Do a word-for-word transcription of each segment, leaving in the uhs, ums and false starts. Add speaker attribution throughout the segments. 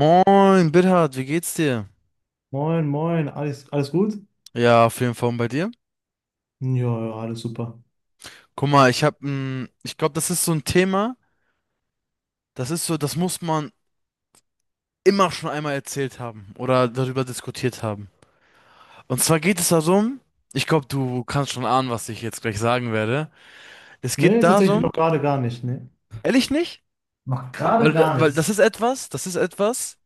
Speaker 1: Moin, Bithard, wie geht's dir?
Speaker 2: Moin, moin, alles, alles gut?
Speaker 1: Ja, auf jeden Fall, und bei dir?
Speaker 2: Ja, ja, alles super.
Speaker 1: Guck mal, ich hab, ein, ich glaube, das ist so ein Thema, das ist so, das muss man immer schon einmal erzählt haben oder darüber diskutiert haben. Und zwar geht es darum, ich glaube, du kannst schon ahnen, was ich jetzt gleich sagen werde. Es
Speaker 2: Nee,
Speaker 1: geht
Speaker 2: tatsächlich
Speaker 1: darum,
Speaker 2: noch gerade gar nicht, ne.
Speaker 1: ehrlich nicht?
Speaker 2: Noch gerade
Speaker 1: Weil, da-
Speaker 2: gar
Speaker 1: weil das
Speaker 2: nichts.
Speaker 1: ist etwas, das ist etwas,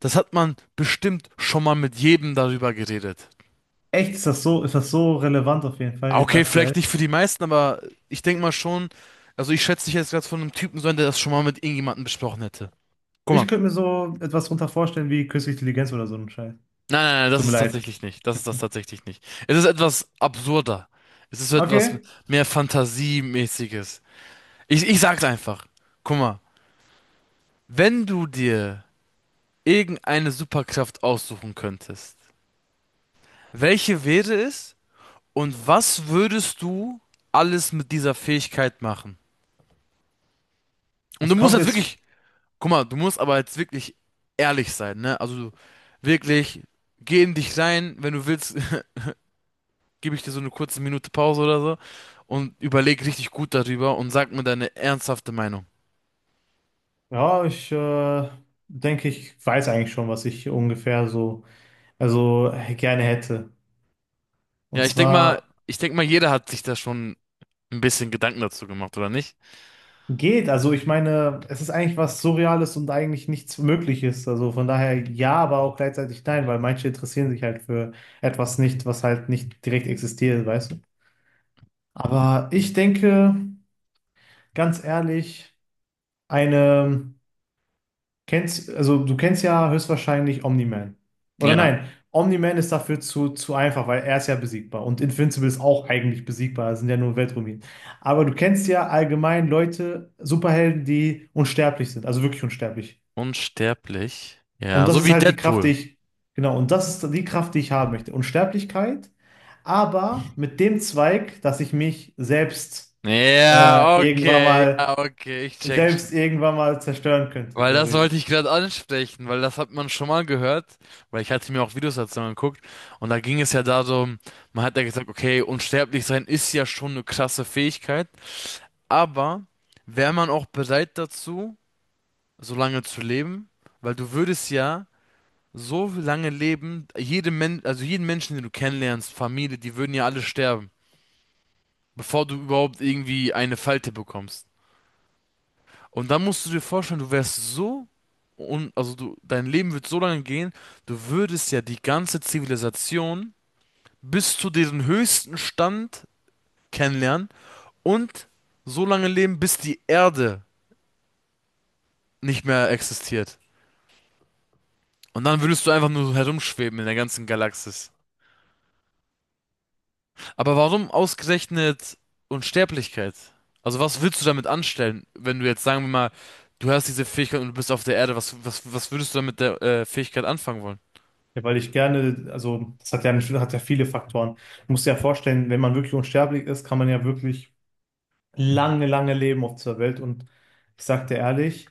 Speaker 1: das hat man bestimmt schon mal mit jedem darüber geredet.
Speaker 2: Echt, ist das so, ist das so relevant auf jeden Fall jetzt
Speaker 1: Okay, vielleicht
Speaker 2: aktuell?
Speaker 1: nicht für die meisten, aber ich denke mal schon, also ich schätze dich jetzt gerade von einem Typen so ein, der das schon mal mit irgendjemandem besprochen hätte. Guck
Speaker 2: Ich
Speaker 1: mal.
Speaker 2: könnte mir so etwas runter vorstellen wie künstliche Intelligenz oder so ein Scheiß.
Speaker 1: Nein, nein, nein, das
Speaker 2: Tut mir
Speaker 1: ist
Speaker 2: leid.
Speaker 1: tatsächlich nicht. Das ist das tatsächlich nicht. Es ist etwas absurder. Es ist so etwas
Speaker 2: Okay,
Speaker 1: mehr Fantasiemäßiges. Ich, ich sag's einfach. Guck mal, wenn du dir irgendeine Superkraft aussuchen könntest, welche wäre es und was würdest du alles mit dieser Fähigkeit machen? Und du
Speaker 2: es
Speaker 1: musst
Speaker 2: kommt
Speaker 1: jetzt
Speaker 2: jetzt.
Speaker 1: wirklich. Guck mal, du musst aber jetzt wirklich ehrlich sein, ne? Also wirklich, geh in dich rein, wenn du willst, gebe ich dir so eine kurze Minute Pause oder so und überleg richtig gut darüber und sag mir deine ernsthafte Meinung.
Speaker 2: Ja, ich äh, denke, ich weiß eigentlich schon, was ich ungefähr so, also gerne hätte. Und
Speaker 1: Ja, ich denk mal,
Speaker 2: zwar
Speaker 1: ich denk mal, jeder hat sich da schon ein bisschen Gedanken dazu gemacht, oder nicht?
Speaker 2: geht, also ich meine, es ist eigentlich was Surreales und eigentlich nichts Mögliches. Also von daher ja, aber auch gleichzeitig nein, weil manche interessieren sich halt für etwas nicht, was halt nicht direkt existiert, weißt du? Aber ich denke, ganz ehrlich, eine, kennst, also du kennst ja höchstwahrscheinlich Omni-Man. Oder
Speaker 1: Ja.
Speaker 2: nein, Omni-Man ist dafür zu, zu einfach, weil er ist ja besiegbar und Invincible ist auch eigentlich besiegbar, das sind ja nur Weltruinen. Aber du kennst ja allgemein Leute, Superhelden, die unsterblich sind, also wirklich unsterblich.
Speaker 1: Unsterblich.
Speaker 2: Und
Speaker 1: Ja,
Speaker 2: das
Speaker 1: so
Speaker 2: ist
Speaker 1: wie
Speaker 2: halt die Kraft, die
Speaker 1: Deadpool.
Speaker 2: ich, genau, und das ist die Kraft, die ich haben möchte. Unsterblichkeit, aber mit dem Zweig, dass ich mich selbst äh,
Speaker 1: Ja,
Speaker 2: irgendwann
Speaker 1: okay,
Speaker 2: mal,
Speaker 1: ja, okay, ich check's.
Speaker 2: selbst irgendwann mal zerstören könnte,
Speaker 1: Weil das
Speaker 2: theoretisch.
Speaker 1: wollte ich gerade ansprechen, weil das hat man schon mal gehört, weil ich hatte mir auch Videos dazu angeguckt und da ging es ja darum, man hat ja gesagt, okay, unsterblich sein ist ja schon eine krasse Fähigkeit, aber wäre man auch bereit dazu, so lange zu leben? Weil du würdest ja so lange leben, jede Men also jeden Menschen, den du kennenlernst, Familie, die würden ja alle sterben, bevor du überhaupt irgendwie eine Falte bekommst. Und dann musst du dir vorstellen, du wärst so und also du dein Leben wird so lange gehen, du würdest ja die ganze Zivilisation bis zu diesem höchsten Stand kennenlernen und so lange leben, bis die Erde nicht mehr existiert. Und dann würdest du einfach nur so herumschweben in der ganzen Galaxis. Aber warum ausgerechnet Unsterblichkeit? Also was willst du damit anstellen, wenn du jetzt, sagen wir mal, du hast diese Fähigkeit und du bist auf der Erde, was was was würdest du damit der äh, Fähigkeit anfangen wollen?
Speaker 2: Ja, weil ich gerne, also das hat ja, hat ja viele Faktoren. Du musst dir ja vorstellen, wenn man wirklich unsterblich ist, kann man ja wirklich lange, lange leben auf dieser Welt. Und ich sag dir ehrlich,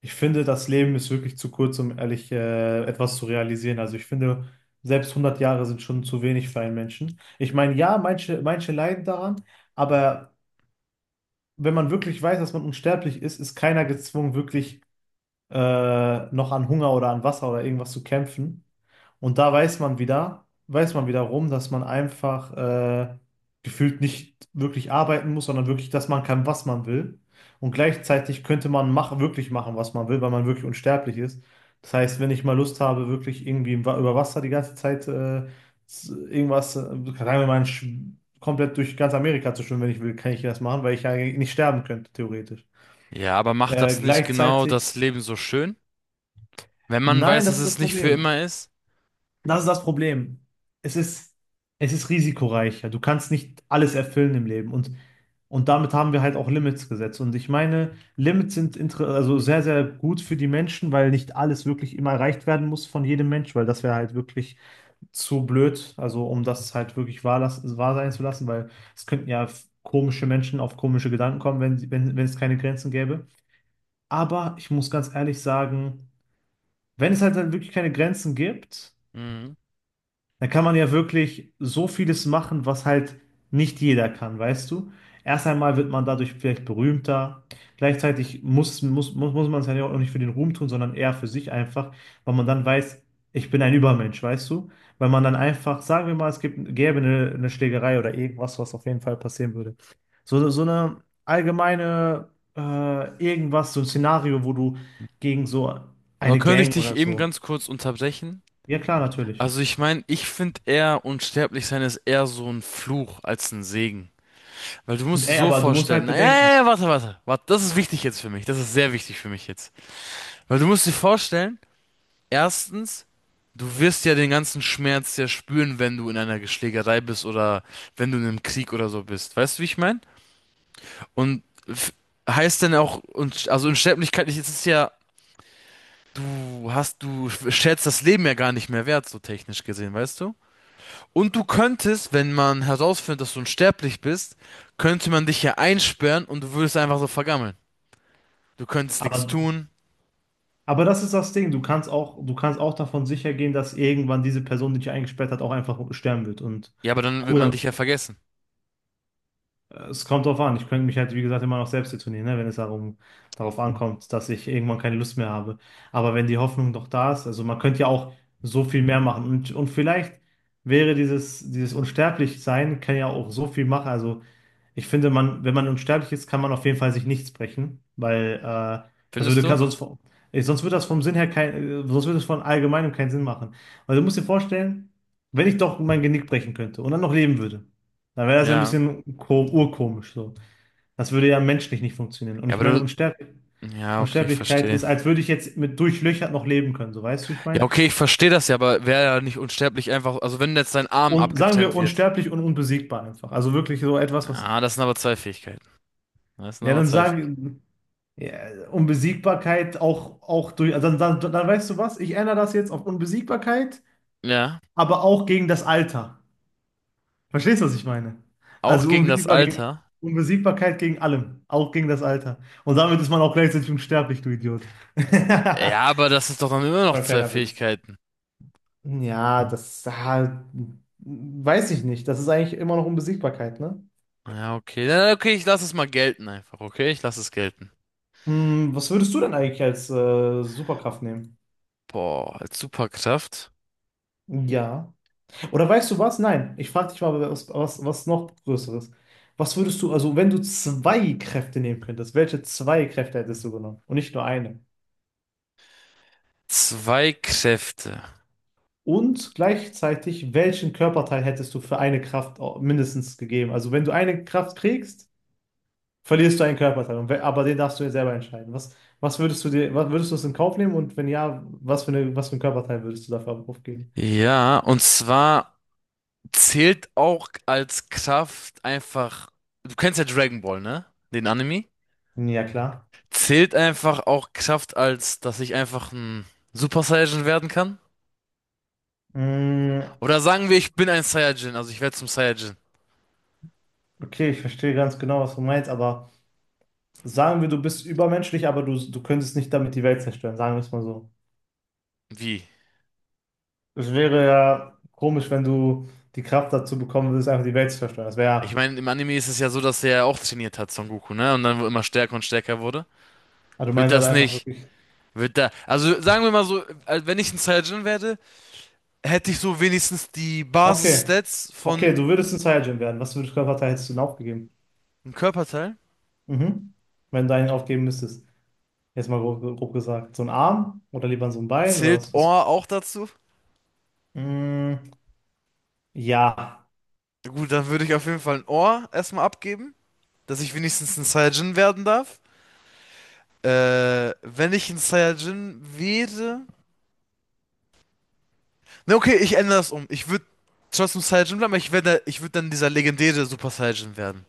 Speaker 2: ich finde, das Leben ist wirklich zu kurz, um ehrlich äh, etwas zu realisieren. Also ich finde, selbst hundert Jahre sind schon zu wenig für einen Menschen. Ich meine, ja, manche, manche leiden daran, aber wenn man wirklich weiß, dass man unsterblich ist, ist keiner gezwungen, wirklich äh, noch an Hunger oder an Wasser oder irgendwas zu kämpfen. Und da weiß man wieder, weiß man wiederum, dass man einfach äh, gefühlt nicht wirklich arbeiten muss, sondern wirklich, dass man kann, was man will. Und gleichzeitig könnte man mach, wirklich machen, was man will, weil man wirklich unsterblich ist. Das heißt, wenn ich mal Lust habe, wirklich irgendwie im Wa- über Wasser die ganze Zeit äh, s- irgendwas, äh, sagen wir mal, sch- komplett durch ganz Amerika zu schwimmen, wenn ich will, kann ich das machen, weil ich ja nicht sterben könnte, theoretisch.
Speaker 1: Ja, aber macht
Speaker 2: Äh,
Speaker 1: das nicht genau
Speaker 2: gleichzeitig,
Speaker 1: das Leben so schön? Wenn man
Speaker 2: nein,
Speaker 1: weiß, dass
Speaker 2: das ist
Speaker 1: es
Speaker 2: das
Speaker 1: nicht für
Speaker 2: Problem.
Speaker 1: immer ist?
Speaker 2: Das ist das Problem. Es ist, es ist risikoreicher. Du kannst nicht alles erfüllen im Leben. Und, und damit haben wir halt auch Limits gesetzt. Und ich meine, Limits sind inter- also sehr, sehr gut für die Menschen, weil nicht alles wirklich immer erreicht werden muss von jedem Mensch, weil das wäre halt wirklich zu blöd, also um das halt wirklich wahr, las- wahr sein zu lassen, weil es könnten ja f- komische Menschen auf komische Gedanken kommen, wenn, sie- wenn, wenn es keine Grenzen gäbe. Aber ich muss ganz ehrlich sagen, wenn es halt dann wirklich keine Grenzen gibt,
Speaker 1: Mhm.
Speaker 2: da kann man ja wirklich so vieles machen, was halt nicht jeder kann, weißt du? Erst einmal wird man dadurch vielleicht berühmter. Gleichzeitig muss, muss, muss, muss man es ja auch nicht für den Ruhm tun, sondern eher für sich einfach, weil man dann weiß, ich bin ein Übermensch, weißt du? Weil man dann einfach, sagen wir mal, es gibt, gäbe eine, eine Schlägerei oder irgendwas, was auf jeden Fall passieren würde. So, so eine allgemeine, äh, irgendwas, so ein Szenario, wo du gegen so
Speaker 1: Aber
Speaker 2: eine
Speaker 1: könnte ich
Speaker 2: Gang
Speaker 1: dich
Speaker 2: oder
Speaker 1: eben
Speaker 2: so.
Speaker 1: ganz kurz unterbrechen?
Speaker 2: Ja, klar, natürlich.
Speaker 1: Also ich meine, ich finde, eher unsterblich sein ist eher so ein Fluch als ein Segen. Weil du musst dir
Speaker 2: Ey,
Speaker 1: so
Speaker 2: aber du musst
Speaker 1: vorstellen,
Speaker 2: halt
Speaker 1: na, ja, ja,
Speaker 2: bedenken.
Speaker 1: ja, warte, warte, warte, das ist wichtig jetzt für mich, das ist sehr wichtig für mich jetzt. Weil du musst dir vorstellen, erstens, du wirst ja den ganzen Schmerz ja spüren, wenn du in einer Geschlägerei bist oder wenn du in einem Krieg oder so bist. Weißt du, wie ich meine? Und f- heißt denn auch, und also Unsterblichkeit ist es ja, du hast, du schätzt das Leben ja gar nicht mehr wert, so technisch gesehen, weißt du? Und du könntest, wenn man herausfindet, dass du unsterblich bist, könnte man dich ja einsperren und du würdest einfach so vergammeln. Du könntest nichts
Speaker 2: Aber,
Speaker 1: tun.
Speaker 2: aber das ist das Ding. Du kannst auch, du kannst auch davon sicher gehen, dass irgendwann diese Person, die dich eingesperrt hat, auch einfach sterben wird. Und
Speaker 1: Ja, aber dann wird
Speaker 2: cool,
Speaker 1: man
Speaker 2: dann,
Speaker 1: dich ja vergessen.
Speaker 2: es kommt drauf an. Ich könnte mich halt, wie gesagt, immer noch selbst detonieren, ne, wenn es darum, darauf ankommt, dass ich irgendwann keine Lust mehr habe. Aber wenn die Hoffnung doch da ist, also man könnte ja auch so viel mehr machen. Und, und vielleicht wäre dieses, dieses Unsterblichsein, kann ja auch so viel machen. Also, ich finde, man, wenn man unsterblich ist, kann man auf jeden Fall sich nichts brechen, weil äh, das
Speaker 1: Findest
Speaker 2: würde ka-
Speaker 1: du?
Speaker 2: sonst, vom- äh, sonst würde das vom Sinn her kein, äh, sonst würde es von allgemeinem keinen Sinn machen. Weil du musst dir vorstellen, wenn ich doch mein Genick brechen könnte und dann noch leben würde, dann wäre das ja ein
Speaker 1: Ja.
Speaker 2: bisschen ko- urkomisch so. Das würde ja menschlich nicht funktionieren. Und
Speaker 1: Ja,
Speaker 2: ich
Speaker 1: aber
Speaker 2: meine,
Speaker 1: du.
Speaker 2: Unsterb-
Speaker 1: Ja, okay, ich
Speaker 2: Unsterblichkeit
Speaker 1: verstehe.
Speaker 2: ist, als würde ich jetzt mit durchlöchert noch leben können, so weißt du, ich
Speaker 1: Ja,
Speaker 2: meine.
Speaker 1: okay, ich verstehe das ja, aber wäre ja nicht unsterblich einfach, also wenn jetzt dein Arm
Speaker 2: Und sagen wir
Speaker 1: abgetrennt wird.
Speaker 2: unsterblich und unbesiegbar einfach. Also wirklich so etwas, was.
Speaker 1: Ah, das sind aber zwei Fähigkeiten. Das sind
Speaker 2: Ja,
Speaker 1: aber
Speaker 2: dann
Speaker 1: zwei Fähigkeiten.
Speaker 2: sagen, ja, Unbesiegbarkeit auch, auch durch, also dann, dann, dann weißt du was, ich ändere das jetzt auf Unbesiegbarkeit,
Speaker 1: Ja.
Speaker 2: aber auch gegen das Alter. Verstehst du, was ich meine?
Speaker 1: Auch
Speaker 2: Also
Speaker 1: gegen das
Speaker 2: unbesiegbar gegen,
Speaker 1: Alter?
Speaker 2: Unbesiegbarkeit gegen allem, auch gegen das Alter. Und damit ist man auch gleichzeitig unsterblich, du Idiot.
Speaker 1: Ja, aber das ist doch dann immer
Speaker 2: Das
Speaker 1: noch
Speaker 2: War ein
Speaker 1: zwei
Speaker 2: kleiner Witz.
Speaker 1: Fähigkeiten.
Speaker 2: Ja, das ah, weiß ich nicht. Das ist eigentlich immer noch Unbesiegbarkeit, ne?
Speaker 1: Ja, okay. Na, okay, ich lasse es mal gelten einfach, okay? Ich lasse es gelten.
Speaker 2: Hm, was würdest du denn eigentlich als äh, Superkraft nehmen?
Speaker 1: Boah, als Superkraft.
Speaker 2: Ja. Oder weißt du was? Nein, ich frage dich mal was, was, was noch Größeres. Was würdest du, also wenn du zwei Kräfte nehmen könntest, welche zwei Kräfte hättest du genommen und nicht nur eine?
Speaker 1: Zwei Kräfte.
Speaker 2: Und gleichzeitig, welchen Körperteil hättest du für eine Kraft au- mindestens gegeben? Also wenn du eine Kraft kriegst, verlierst du einen Körperteil. Und we- aber den darfst du ja selber entscheiden. Was, was würdest du dir, was würdest du es in Kauf nehmen und wenn ja, was für eine, was für einen Körperteil würdest du dafür aufgeben?
Speaker 1: Ja, und zwar zählt auch als Kraft einfach. Du kennst ja Dragon Ball, ne? Den Anime.
Speaker 2: Ja, klar.
Speaker 1: Zählt einfach auch Kraft als, dass ich einfach ein Super Saiyajin werden kann?
Speaker 2: Mm,
Speaker 1: Oder sagen wir, ich bin ein Saiyajin, also ich werde zum Saiyajin.
Speaker 2: okay, ich verstehe ganz genau, was du meinst, aber. Sagen wir, du bist übermenschlich, aber du, du könntest nicht damit die Welt zerstören, sagen wir es mal so.
Speaker 1: Wie?
Speaker 2: Es wäre ja komisch, wenn du die Kraft dazu bekommen würdest, einfach die Welt zu zerstören. Das wäre
Speaker 1: Ich
Speaker 2: ja,
Speaker 1: meine, im Anime ist es ja so, dass er ja auch trainiert hat, Son Goku, ne? Und dann immer stärker und stärker wurde.
Speaker 2: also du
Speaker 1: Wird
Speaker 2: meinst also
Speaker 1: das
Speaker 2: einfach
Speaker 1: nicht,
Speaker 2: wirklich,
Speaker 1: wird da, also sagen wir mal so, als wenn ich ein Saiyajin werde, hätte ich so wenigstens die
Speaker 2: okay,
Speaker 1: Basis-Stats
Speaker 2: okay,
Speaker 1: von
Speaker 2: du würdest ein Saiyajin werden. Was für einen Körperteil hättest du denn aufgegeben?
Speaker 1: einem Körperteil.
Speaker 2: Mhm. Wenn du einen aufgeben müsstest. Jetzt mal grob, grob gesagt. So ein Arm oder lieber so ein Bein oder
Speaker 1: Zählt
Speaker 2: was? Was?
Speaker 1: Ohr auch dazu?
Speaker 2: Mm, ja,
Speaker 1: Gut, dann würde ich auf jeden Fall ein Ohr erstmal abgeben, dass ich wenigstens ein Saiyajin werden darf. Äh, wenn ich ein Saiyajin wäre, ne, okay, ich ändere das um. Ich würde trotzdem Saiyajin bleiben, aber ich werde, ich würde dann dieser legendäre Super Saiyajin werden.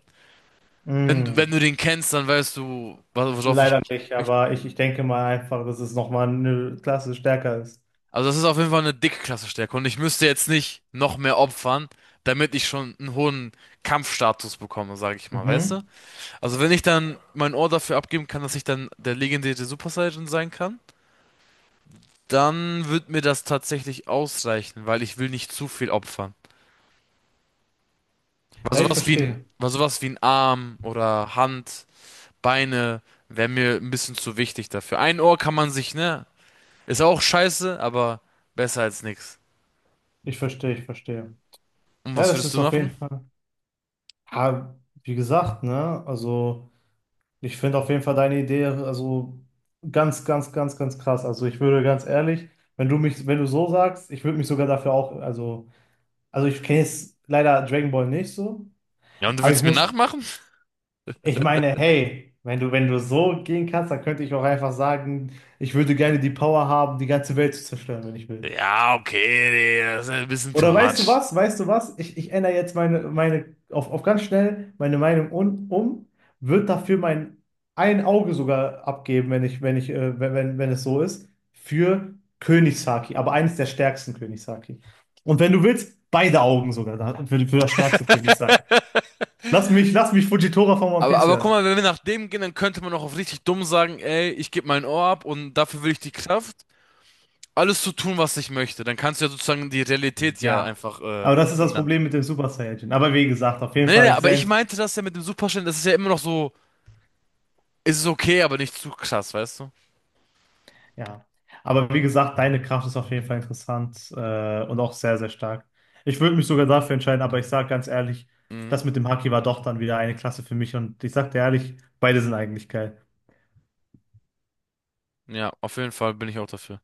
Speaker 1: Wenn,
Speaker 2: mm,
Speaker 1: wenn du den kennst, dann weißt du, was- worauf ich.
Speaker 2: leider nicht, aber ich, ich denke mal einfach, dass es nochmal eine Klasse stärker ist.
Speaker 1: Also das ist auf jeden Fall eine dicke Klasse stärker und ich müsste jetzt nicht noch mehr opfern, damit ich schon einen hohen Kampfstatus bekomme, sage ich mal, weißt du?
Speaker 2: Mhm.
Speaker 1: Also wenn ich dann mein Ohr dafür abgeben kann, dass ich dann der legendäre Super Saiyan sein kann, dann wird mir das tatsächlich ausreichen, weil ich will nicht zu viel opfern. Weil
Speaker 2: Ja, ich
Speaker 1: sowas wie ein,
Speaker 2: verstehe.
Speaker 1: weil sowas wie ein Arm oder Hand, Beine wäre mir ein bisschen zu wichtig dafür. Ein Ohr kann man sich, ne, ist auch scheiße, aber besser als nix.
Speaker 2: Ich verstehe, ich verstehe.
Speaker 1: Und
Speaker 2: Ja,
Speaker 1: was
Speaker 2: das
Speaker 1: würdest
Speaker 2: ist
Speaker 1: du
Speaker 2: auf
Speaker 1: machen?
Speaker 2: jeden Fall. Ja, wie gesagt, ne? Also, ich finde auf jeden Fall deine Idee, also ganz, ganz, ganz, ganz krass. Also, ich würde ganz ehrlich, wenn du mich, wenn du so sagst, ich würde mich sogar dafür auch, also, also ich kenne jetzt leider Dragon Ball nicht so,
Speaker 1: Ja, und du
Speaker 2: aber ich
Speaker 1: willst mir
Speaker 2: muss,
Speaker 1: nachmachen?
Speaker 2: ich meine, hey, wenn du, wenn du so gehen kannst, dann könnte ich auch einfach sagen, ich würde gerne die Power haben, die ganze Welt zu zerstören, wenn ich will.
Speaker 1: Ja, okay, nee, das ist ein bisschen too
Speaker 2: Oder weißt du
Speaker 1: much.
Speaker 2: was? Weißt du was? Ich, ich ändere jetzt meine, meine auf, auf ganz schnell meine Meinung un, um, wird dafür mein ein Auge sogar abgeben, wenn ich, wenn ich, äh, wenn, wenn, wenn es so ist, für Königshaki, aber eines der stärksten Königshaki. Und wenn du willst, beide Augen sogar da- für, für das stärkste Königshaki. Lass mich, lass mich Fujitora von One
Speaker 1: Aber,
Speaker 2: Piece
Speaker 1: aber guck
Speaker 2: werden.
Speaker 1: mal, wenn wir nach dem gehen, dann könnte man auch auf richtig dumm sagen, ey, ich gebe mein Ohr ab und dafür will ich die Kraft, alles zu tun, was ich möchte. Dann kannst du ja sozusagen die Realität ja
Speaker 2: Ja.
Speaker 1: einfach äh,
Speaker 2: Aber das ist das
Speaker 1: ändern.
Speaker 2: Problem mit dem Super Saiyajin. Aber wie gesagt, auf jeden
Speaker 1: Nee, nee,
Speaker 2: Fall
Speaker 1: aber
Speaker 2: sehr.
Speaker 1: ich meinte das ja mit dem Superstellen, das ist ja immer noch so. Ist es ist okay, aber nicht zu krass, weißt du?
Speaker 2: Ja, aber wie gesagt, deine Kraft ist auf jeden Fall interessant äh, und auch sehr, sehr stark. Ich würde mich sogar dafür entscheiden, aber ich sage ganz ehrlich,
Speaker 1: Mhm.
Speaker 2: das mit dem Haki war doch dann wieder eine Klasse für mich und ich sage dir ehrlich, beide sind eigentlich geil.
Speaker 1: Ja, auf jeden Fall bin ich auch dafür.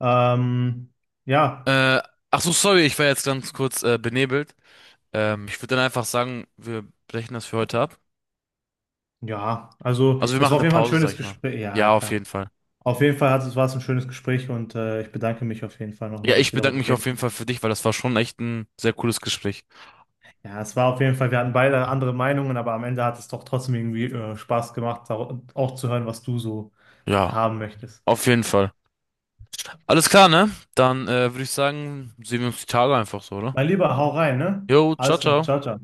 Speaker 2: Ähm, ja,
Speaker 1: Äh, ach so, sorry, ich war jetzt ganz kurz äh, benebelt. Ähm, ich würde dann einfach sagen, wir brechen das für heute ab.
Speaker 2: ja, also
Speaker 1: Also wir
Speaker 2: es
Speaker 1: machen
Speaker 2: war auf
Speaker 1: eine
Speaker 2: jeden Fall ein
Speaker 1: Pause, sag
Speaker 2: schönes
Speaker 1: ich mal.
Speaker 2: Gespräch. Ja,
Speaker 1: Ja, auf jeden
Speaker 2: klar.
Speaker 1: Fall.
Speaker 2: Auf jeden Fall hat, es- war es ein schönes Gespräch und äh, ich bedanke mich auf jeden Fall
Speaker 1: Ja,
Speaker 2: nochmal,
Speaker 1: ich
Speaker 2: dass wir
Speaker 1: bedanke
Speaker 2: darüber
Speaker 1: mich auf
Speaker 2: reden
Speaker 1: jeden
Speaker 2: konnten.
Speaker 1: Fall für dich, weil das war schon echt ein sehr cooles Gespräch.
Speaker 2: Ja, es war auf jeden Fall, wir hatten beide andere Meinungen, aber am Ende hat es doch trotzdem irgendwie äh, Spaß gemacht, auch auch zu hören, was du so
Speaker 1: Ja,
Speaker 2: haben möchtest.
Speaker 1: auf jeden Fall. Alles klar, ne? Dann äh, würde ich sagen, sehen wir uns die Tage einfach so, oder?
Speaker 2: Mein Lieber, hau rein, ne?
Speaker 1: Jo, ciao,
Speaker 2: Alles klar,
Speaker 1: ciao.
Speaker 2: ciao, ciao.